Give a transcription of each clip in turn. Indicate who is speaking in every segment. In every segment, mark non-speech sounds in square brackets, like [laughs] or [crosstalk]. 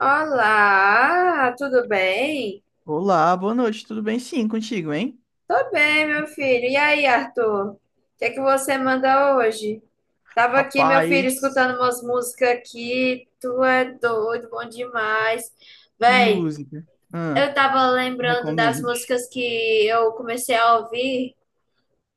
Speaker 1: Olá, tudo bem?
Speaker 2: Olá, boa noite, tudo bem? Sim, contigo, hein?
Speaker 1: Tô bem, meu filho. E aí, Arthur? O que é que você manda hoje? Tava aqui, meu filho,
Speaker 2: Rapaz,
Speaker 1: escutando umas músicas aqui. Tu é doido, bom demais.
Speaker 2: que
Speaker 1: Véi,
Speaker 2: música. Ah,
Speaker 1: eu tava lembrando das
Speaker 2: recomende.
Speaker 1: músicas que eu comecei a ouvir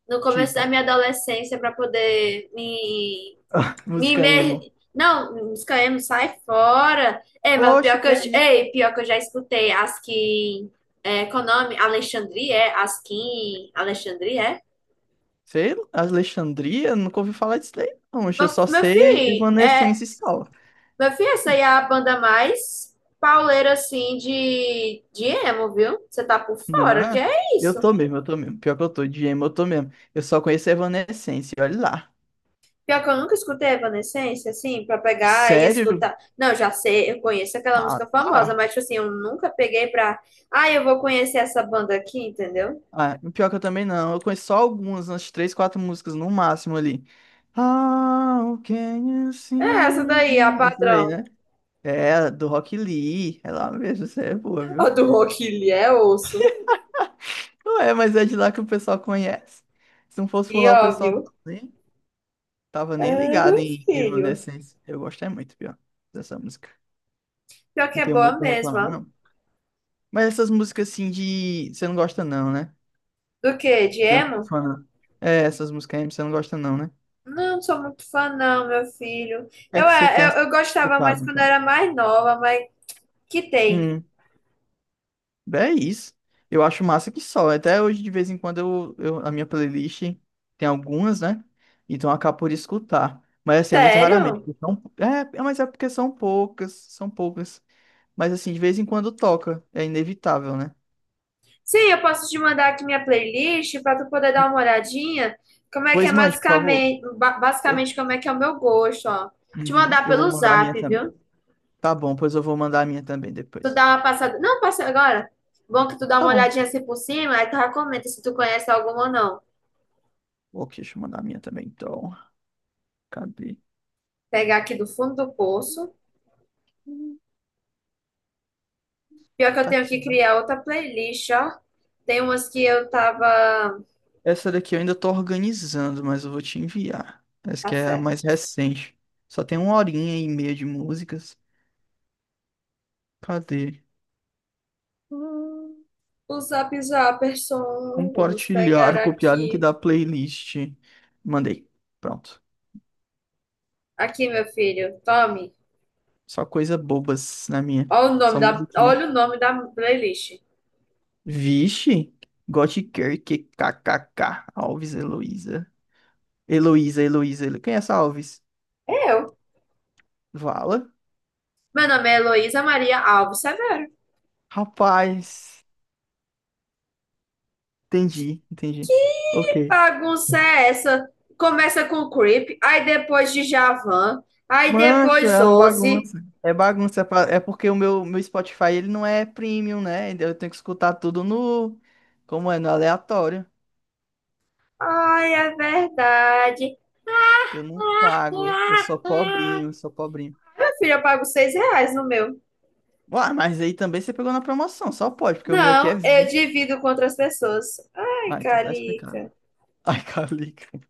Speaker 1: no começo da
Speaker 2: Tipo,
Speaker 1: minha adolescência para poder me
Speaker 2: [laughs] música emo.
Speaker 1: Não, os KM sai fora. É, mas
Speaker 2: Oxe,
Speaker 1: pior que
Speaker 2: que
Speaker 1: eu,
Speaker 2: é isso?
Speaker 1: ei, pior que eu já escutei. Askin. É, qual o nome? Alexandria, é? Askin. Alexandria, é?
Speaker 2: Sei lá, Alexandria? Nunca ouvi falar disso daí não. Oxe, eu
Speaker 1: Meu,
Speaker 2: só
Speaker 1: meu
Speaker 2: sei
Speaker 1: filho, é,
Speaker 2: Evanescence só.
Speaker 1: meu filho, essa aí é a banda mais pauleira assim de emo, viu? Você tá por fora, que
Speaker 2: Não,
Speaker 1: é
Speaker 2: eu
Speaker 1: isso?
Speaker 2: tô mesmo, eu tô mesmo. Pior que eu tô de emo, eu tô mesmo. Eu só conheço Evanescence, olha lá.
Speaker 1: Pior que eu nunca escutei Evanescence, assim, pra pegar e
Speaker 2: Sério?
Speaker 1: escutar. Não, já sei, eu conheço aquela
Speaker 2: Ah,
Speaker 1: música famosa,
Speaker 2: tá.
Speaker 1: mas, tipo assim, eu nunca peguei pra. Ah, eu vou conhecer essa banda aqui, entendeu?
Speaker 2: Ah, pior que eu também não. Eu conheço só algumas, umas três, quatro músicas no máximo ali. How can you see?
Speaker 1: É essa daí, a
Speaker 2: Isso daí,
Speaker 1: padrão.
Speaker 2: né? É, do Rock Lee. É lá mesmo, isso aí é boa,
Speaker 1: A
Speaker 2: viu?
Speaker 1: do Rock Lee é osso.
Speaker 2: Não é, mas é de lá que o pessoal conhece. Se não fosse por
Speaker 1: E
Speaker 2: lá, o pessoal
Speaker 1: óbvio.
Speaker 2: nem tava nem
Speaker 1: É,
Speaker 2: ligado
Speaker 1: meu
Speaker 2: em
Speaker 1: filho.
Speaker 2: Evanescence. Eu gosto é muito, pior, dessa música.
Speaker 1: Pior que
Speaker 2: Não
Speaker 1: é
Speaker 2: tenho
Speaker 1: boa
Speaker 2: muito pra
Speaker 1: mesmo,
Speaker 2: reclamar,
Speaker 1: ó.
Speaker 2: não. Mas essas músicas assim de. Você não gosta, não, né?
Speaker 1: Do quê? De
Speaker 2: Não é muito
Speaker 1: emo?
Speaker 2: fã, não. É, essas músicas aí você não gosta, não, né? O
Speaker 1: Não, sou muito fã, não, meu filho.
Speaker 2: que é
Speaker 1: Eu,
Speaker 2: que você tem
Speaker 1: é, eu, eu gostava mais
Speaker 2: escutado,
Speaker 1: quando
Speaker 2: então?
Speaker 1: era mais nova, mas que tem.
Speaker 2: Hum, é isso. Eu acho massa que só. Até hoje, de vez em quando, a minha playlist tem algumas, né? Então eu acabo por escutar. Mas assim, é muito raramente.
Speaker 1: Sério?
Speaker 2: Porque são poucas, são poucas. Mas assim, de vez em quando toca. É inevitável, né?
Speaker 1: Sim, eu posso te mandar aqui minha playlist pra tu poder dar uma olhadinha. Como é que
Speaker 2: Pois
Speaker 1: é
Speaker 2: mande, por favor.
Speaker 1: basicamente,
Speaker 2: Eu,
Speaker 1: basicamente como é que é o meu gosto, ó. Te
Speaker 2: Uhum,
Speaker 1: mandar
Speaker 2: eu vou
Speaker 1: pelo
Speaker 2: mandar a
Speaker 1: zap,
Speaker 2: minha também.
Speaker 1: viu?
Speaker 2: Tá bom, pois eu vou mandar a minha também
Speaker 1: Tu
Speaker 2: depois.
Speaker 1: dá uma passada. Não, passa agora. Bom que tu dá uma
Speaker 2: Tá bom.
Speaker 1: olhadinha assim por cima, aí tu já comenta se tu conhece alguma ou não.
Speaker 2: Ok, deixa eu mandar a minha também, então. Cadê?
Speaker 1: Pegar aqui do fundo do poço. Pior que eu
Speaker 2: Tá
Speaker 1: tenho
Speaker 2: aqui.
Speaker 1: que criar outra playlist, ó. Tem umas que eu tava.
Speaker 2: Essa daqui eu ainda tô organizando, mas eu vou te enviar. Essa
Speaker 1: Tá
Speaker 2: que é a
Speaker 1: certo.
Speaker 2: mais recente. Só tem uma horinha e meia de músicas. Cadê? Hum,
Speaker 1: O Zap Zapperson. Vamos pegar
Speaker 2: Compartilhar, copiar link
Speaker 1: aqui.
Speaker 2: da playlist. Mandei. Pronto.
Speaker 1: Aqui, meu filho. Tome.
Speaker 2: Só coisa bobas na minha. Só musiquinha.
Speaker 1: Olha o nome da playlist.
Speaker 2: Vixe! Gothic Kirk, KKK. Alves, Heloísa. Heloísa, Heloísa. Quem é essa Alves?
Speaker 1: É eu.
Speaker 2: Vala?
Speaker 1: Meu nome é Heloísa Maria Alves Severo.
Speaker 2: Rapaz. Entendi, entendi. Ok.
Speaker 1: Que bagunça é essa? Começa com Creep, aí depois de Javan, aí
Speaker 2: Mancho,
Speaker 1: depois
Speaker 2: é uma
Speaker 1: Ozzy.
Speaker 2: bagunça. É bagunça. É porque o meu Spotify ele não é premium, né? Então, eu tenho que escutar tudo no. Como é? No aleatório.
Speaker 1: Ai, é verdade.
Speaker 2: Eu não pago. Eu
Speaker 1: Minha
Speaker 2: sou pobrinho, sou pobrinho.
Speaker 1: filha, eu pago R$ 6 no meu.
Speaker 2: Uai, mas aí também você pegou na promoção, só pode, porque o meu aqui é
Speaker 1: Não, eu
Speaker 2: 20.
Speaker 1: divido com outras pessoas. Ai,
Speaker 2: Ah, então tá explicado.
Speaker 1: Calica.
Speaker 2: [laughs] Ai, Calica.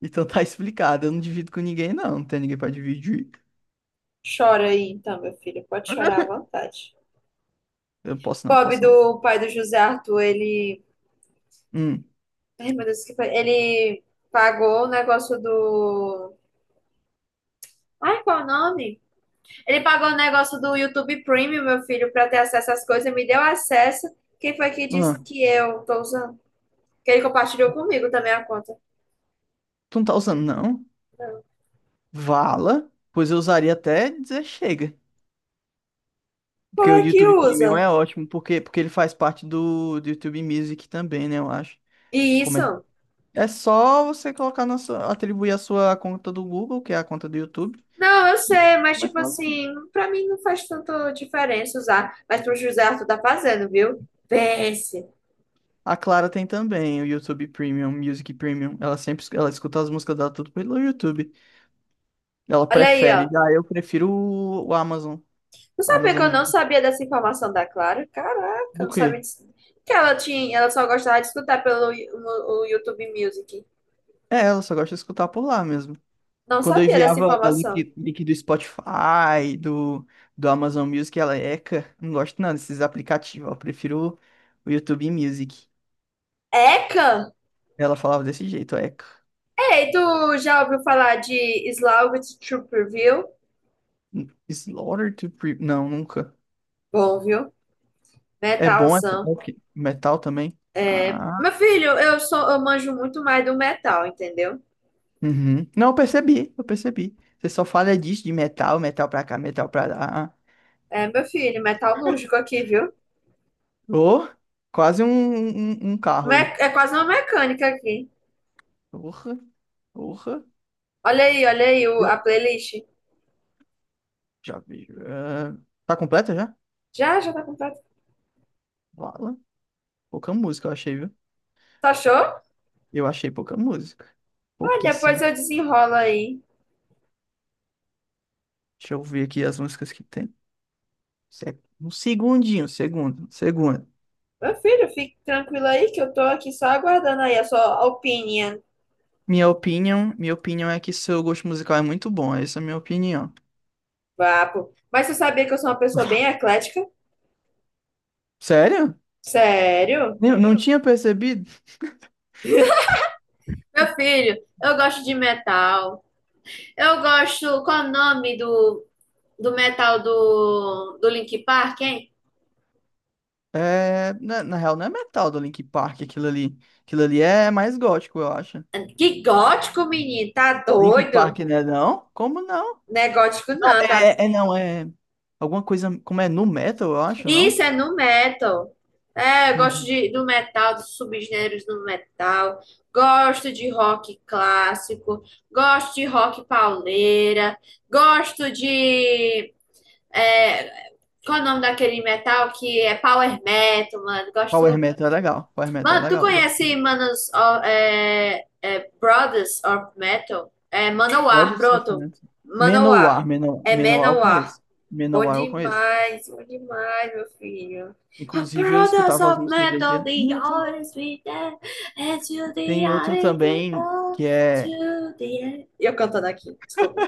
Speaker 2: Então tá explicado. Eu não divido com ninguém, não. Não tem ninguém pra dividir.
Speaker 1: Chora aí então, meu filho. Pode chorar à
Speaker 2: [laughs]
Speaker 1: vontade.
Speaker 2: Eu posso não,
Speaker 1: Pobre
Speaker 2: posso não.
Speaker 1: do pai do José Arthur, ele.
Speaker 2: Hum.
Speaker 1: Ai, meu Deus, que foi? Ele pagou o negócio do. Ai, qual o nome? Ele pagou o negócio do YouTube Premium, meu filho, para ter acesso às coisas, me deu acesso. Quem foi que
Speaker 2: Ah,
Speaker 1: disse que eu tô usando? Que ele compartilhou comigo também a conta.
Speaker 2: tu não tá usando, não?
Speaker 1: Não.
Speaker 2: Vala? Pois eu usaria até dizer chega.
Speaker 1: Como
Speaker 2: Porque o
Speaker 1: é que
Speaker 2: YouTube Premium
Speaker 1: usa?
Speaker 2: é ótimo, porque ele faz parte do YouTube Music também, né? Eu acho.
Speaker 1: E
Speaker 2: Como é?
Speaker 1: isso?
Speaker 2: É só você colocar na sua, atribuir a sua conta do Google, que é a conta do YouTube.
Speaker 1: Não, eu
Speaker 2: e
Speaker 1: sei, mas
Speaker 2: Mas
Speaker 1: tipo
Speaker 2: não.
Speaker 1: assim, pra mim não faz tanta diferença usar, mas pro José Arthur tá fazendo, viu? Pense.
Speaker 2: A Clara tem também o YouTube Premium, Music Premium. Ela escuta as músicas dela tudo pelo YouTube. Ela
Speaker 1: Olha aí,
Speaker 2: prefere.
Speaker 1: ó.
Speaker 2: Já eu prefiro o Amazon,
Speaker 1: Não sabia que
Speaker 2: Amazon
Speaker 1: eu não
Speaker 2: Music.
Speaker 1: sabia dessa informação da Clara? Caraca, eu
Speaker 2: Do
Speaker 1: não sabia
Speaker 2: quê?
Speaker 1: disso. Que ela tinha, ela só gostava de escutar pelo o YouTube Music.
Speaker 2: É, ela só gosta de escutar por lá mesmo.
Speaker 1: Não
Speaker 2: Quando eu
Speaker 1: sabia dessa
Speaker 2: enviava o
Speaker 1: informação.
Speaker 2: link, link do Spotify, do Amazon Music, ela, eca, não gosto não desses aplicativos, eu prefiro o YouTube Music.
Speaker 1: Eca?
Speaker 2: Ela falava desse jeito, eca.
Speaker 1: Ei, tu já ouviu falar de Slaughter Trooper, viu?
Speaker 2: Slaughter to Pre... Não, nunca.
Speaker 1: Bom, viu?
Speaker 2: É bom,
Speaker 1: Metalzão.
Speaker 2: metal também.
Speaker 1: É,
Speaker 2: Ah,
Speaker 1: meu filho, eu manjo muito mais do metal, entendeu?
Speaker 2: uhum. Não, eu percebi, eu percebi. Você só fala disso, de metal, metal pra cá, metal pra lá.
Speaker 1: É, meu filho, metalúrgico aqui, viu?
Speaker 2: Ô, quase um carro aí.
Speaker 1: É quase uma mecânica aqui.
Speaker 2: Porra, porra. Eu
Speaker 1: A playlist.
Speaker 2: já vi. Tá completa já?
Speaker 1: Já, já tá completa.
Speaker 2: Vala. Pouca música eu achei, viu?
Speaker 1: Tu achou?
Speaker 2: Eu achei pouca música.
Speaker 1: Ah, depois
Speaker 2: Pouquíssima.
Speaker 1: eu desenrolo aí.
Speaker 2: Deixa eu ver aqui as músicas que tem. É um segundinho, segundo.
Speaker 1: Meu filho, fique tranquilo aí que eu tô aqui só aguardando aí a sua opinion.
Speaker 2: Minha opinião é que seu gosto musical é muito bom. Essa é a minha opinião.
Speaker 1: Papo. Mas você sabia que eu sou uma pessoa bem
Speaker 2: [laughs]
Speaker 1: eclética?
Speaker 2: Sério?
Speaker 1: Sério?
Speaker 2: Não tinha percebido?
Speaker 1: Meu filho, eu gosto de metal. Eu gosto. Qual é o nome do, do metal do Linkin Park, hein?
Speaker 2: É, na real, não é metal do Linkin Park aquilo ali. Aquilo ali é mais gótico, eu acho.
Speaker 1: Que gótico, menino. Tá
Speaker 2: Linkin
Speaker 1: doido?
Speaker 2: Park, né? Não? Como não?
Speaker 1: Não é gótico, não. Tá...
Speaker 2: É. Alguma coisa. Como é? Nu metal, eu acho,
Speaker 1: Isso
Speaker 2: não?
Speaker 1: é no metal. É, eu gosto
Speaker 2: Uhum.
Speaker 1: de, do metal, dos subgêneros do metal. Gosto de rock clássico. Gosto de rock pauleira. Gosto de. É, qual é o nome daquele metal que é power metal, mano? Gosto.
Speaker 2: Power Metal é legal. Power Metal é
Speaker 1: Mano, tu
Speaker 2: legal. Eu gosto
Speaker 1: conhece
Speaker 2: também.
Speaker 1: Manos, ó, é, é, Brothers of Metal? É Manowar,
Speaker 2: Cláudio
Speaker 1: pronto.
Speaker 2: Sofrimento.
Speaker 1: Manowar.
Speaker 2: Manowar. Manowar,
Speaker 1: É
Speaker 2: Manowar eu
Speaker 1: Manowar.
Speaker 2: conheço. Manowar eu conheço.
Speaker 1: Bom demais, meu filho.
Speaker 2: Inclusive, eu
Speaker 1: Brothers
Speaker 2: escutava as
Speaker 1: of
Speaker 2: músicas dele.
Speaker 1: Metal, they always be there. And to the
Speaker 2: Tem outro
Speaker 1: end, they
Speaker 2: também
Speaker 1: are
Speaker 2: que é
Speaker 1: to the end. Eu cantando aqui, desculpa.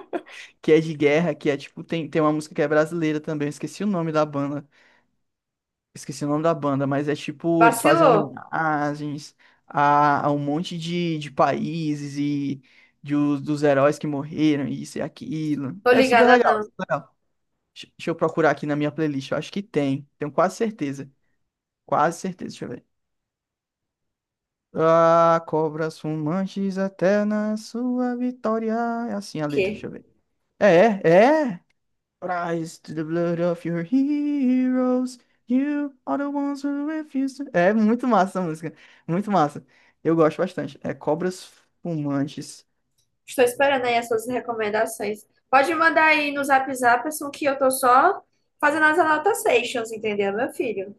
Speaker 2: que é de guerra, que é tipo, tem uma música que é brasileira também, eu esqueci o nome da banda. Esqueci o nome da banda, mas é tipo, eles fazem
Speaker 1: Vacilou.
Speaker 2: homenagens a um monte de países e dos heróis que morreram, isso e aquilo.
Speaker 1: Tô
Speaker 2: É super
Speaker 1: ligada
Speaker 2: legal,
Speaker 1: não. O
Speaker 2: super legal. Deixa eu procurar aqui na minha playlist. Eu acho que tem. Tenho quase certeza. Quase certeza. Deixa eu ver. Ah, cobras fumantes até na sua vitória. É assim a letra,
Speaker 1: quê?
Speaker 2: deixa eu ver. É, é. Rise to the blood of your heroes. You are the ones who refuse to... É muito massa essa música. Muito massa. Eu gosto bastante. É Cobras Fumantes.
Speaker 1: Estou esperando aí as suas recomendações. Pode mandar aí no Zap Zap, assim, que eu tô só fazendo as anotações, entendeu, meu filho?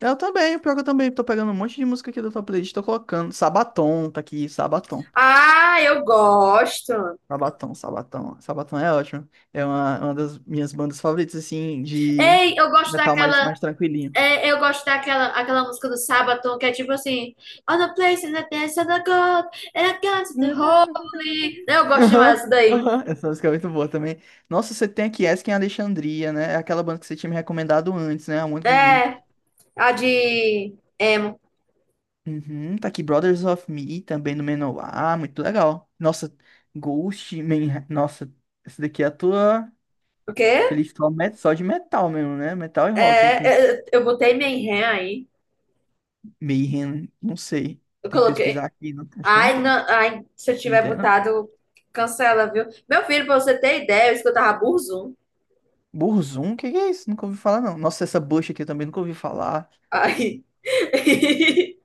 Speaker 2: Eu também, pior que eu também tô pegando um monte de música aqui da tua playlist, tô colocando. Sabaton tá aqui, Sabaton.
Speaker 1: Ah, eu gosto.
Speaker 2: Sabatão, Sabatão. Sabatão é ótimo. É uma das minhas bandas favoritas, assim, de
Speaker 1: Ei, eu gosto
Speaker 2: metal mais,
Speaker 1: daquela.
Speaker 2: mais tranquilinho.
Speaker 1: É, eu gosto daquela aquela música do Sabaton que é tipo assim: On the place in the dance of the God, and I got
Speaker 2: [laughs]
Speaker 1: to the holy. Eu gosto demais dessa
Speaker 2: Aham,
Speaker 1: daí.
Speaker 2: aham. Essa música é muito boa também. Nossa, você tem aqui Asking Alexandria, né? É aquela banda que você tinha me recomendado antes, né? A Want Given.
Speaker 1: É, a de emo.
Speaker 2: Uhum, tá aqui Brothers of Me, também no Menor. Muito legal. Nossa, Ghost, Man... Nossa, esse daqui é a tua
Speaker 1: O quê?
Speaker 2: playlist só de metal mesmo, né? Metal e rock aqui.
Speaker 1: É, eu botei minha ré aí.
Speaker 2: Mayhem, não sei.
Speaker 1: Eu
Speaker 2: Tem que pesquisar
Speaker 1: coloquei.
Speaker 2: aqui, acho que não
Speaker 1: Ai,
Speaker 2: tem.
Speaker 1: não, ai, se eu
Speaker 2: Não
Speaker 1: tiver
Speaker 2: tem, não.
Speaker 1: botado, cancela, viu? Meu filho, pra você ter ideia, eu escutava Burzum.
Speaker 2: Burzum, o que que é isso? Nunca ouvi falar, não. Nossa, essa bucha aqui eu também nunca ouvi falar.
Speaker 1: Ai. [laughs]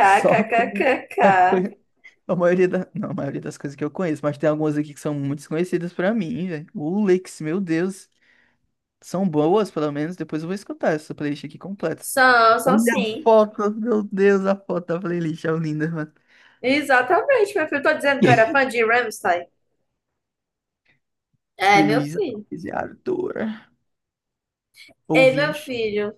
Speaker 2: Só [laughs] só coisa. Não, a maioria das coisas que eu conheço, mas tem algumas aqui que são muito desconhecidas pra mim, velho. O Lex, meu Deus. São boas, pelo menos. Depois eu vou escutar essa playlist aqui completa.
Speaker 1: São, são
Speaker 2: Olha a
Speaker 1: sim.
Speaker 2: foto, meu Deus, a foto da playlist é linda, mano.
Speaker 1: Exatamente, meu filho. Tô dizendo que eu era fã
Speaker 2: [laughs]
Speaker 1: de Rammstein. É,
Speaker 2: E
Speaker 1: meu
Speaker 2: Luísa
Speaker 1: filho.
Speaker 2: Alves e Ardora.
Speaker 1: Ei, meu
Speaker 2: Ouvinte.
Speaker 1: filho.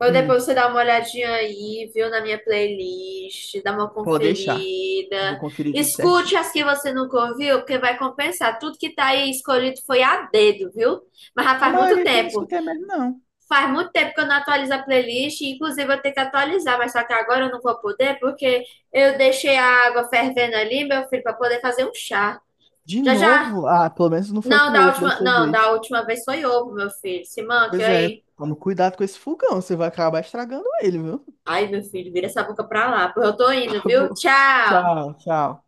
Speaker 1: Ou depois
Speaker 2: Hum.
Speaker 1: você dá uma olhadinha aí, viu, na minha playlist, dá uma
Speaker 2: Pode deixar. Eu vou
Speaker 1: conferida.
Speaker 2: conferir tudo certinho.
Speaker 1: Escute as que você nunca ouviu, porque vai compensar. Tudo que tá aí escolhido foi a dedo, viu? Mas já
Speaker 2: A
Speaker 1: faz muito
Speaker 2: maioria aqui eu não
Speaker 1: tempo.
Speaker 2: escutei mesmo, não.
Speaker 1: Faz muito tempo que eu não atualizo a playlist, inclusive eu tenho que atualizar, mas só que agora eu não vou poder porque eu deixei a água fervendo ali, meu filho, para poder fazer um chá.
Speaker 2: De
Speaker 1: Já já.
Speaker 2: novo? Ah, pelo menos não foi
Speaker 1: Não,
Speaker 2: com
Speaker 1: da
Speaker 2: ovo
Speaker 1: última,
Speaker 2: dessa
Speaker 1: não,
Speaker 2: vez.
Speaker 1: Da última vez foi ovo, meu filho. Se manque
Speaker 2: Pois é,
Speaker 1: aí.
Speaker 2: toma cuidado com esse fogão, você vai acabar estragando ele, viu? [laughs]
Speaker 1: Ai, meu filho, vira essa boca pra lá, porque eu tô indo,
Speaker 2: Tá
Speaker 1: viu?
Speaker 2: bom.
Speaker 1: Tchau.
Speaker 2: Tchau, tchau.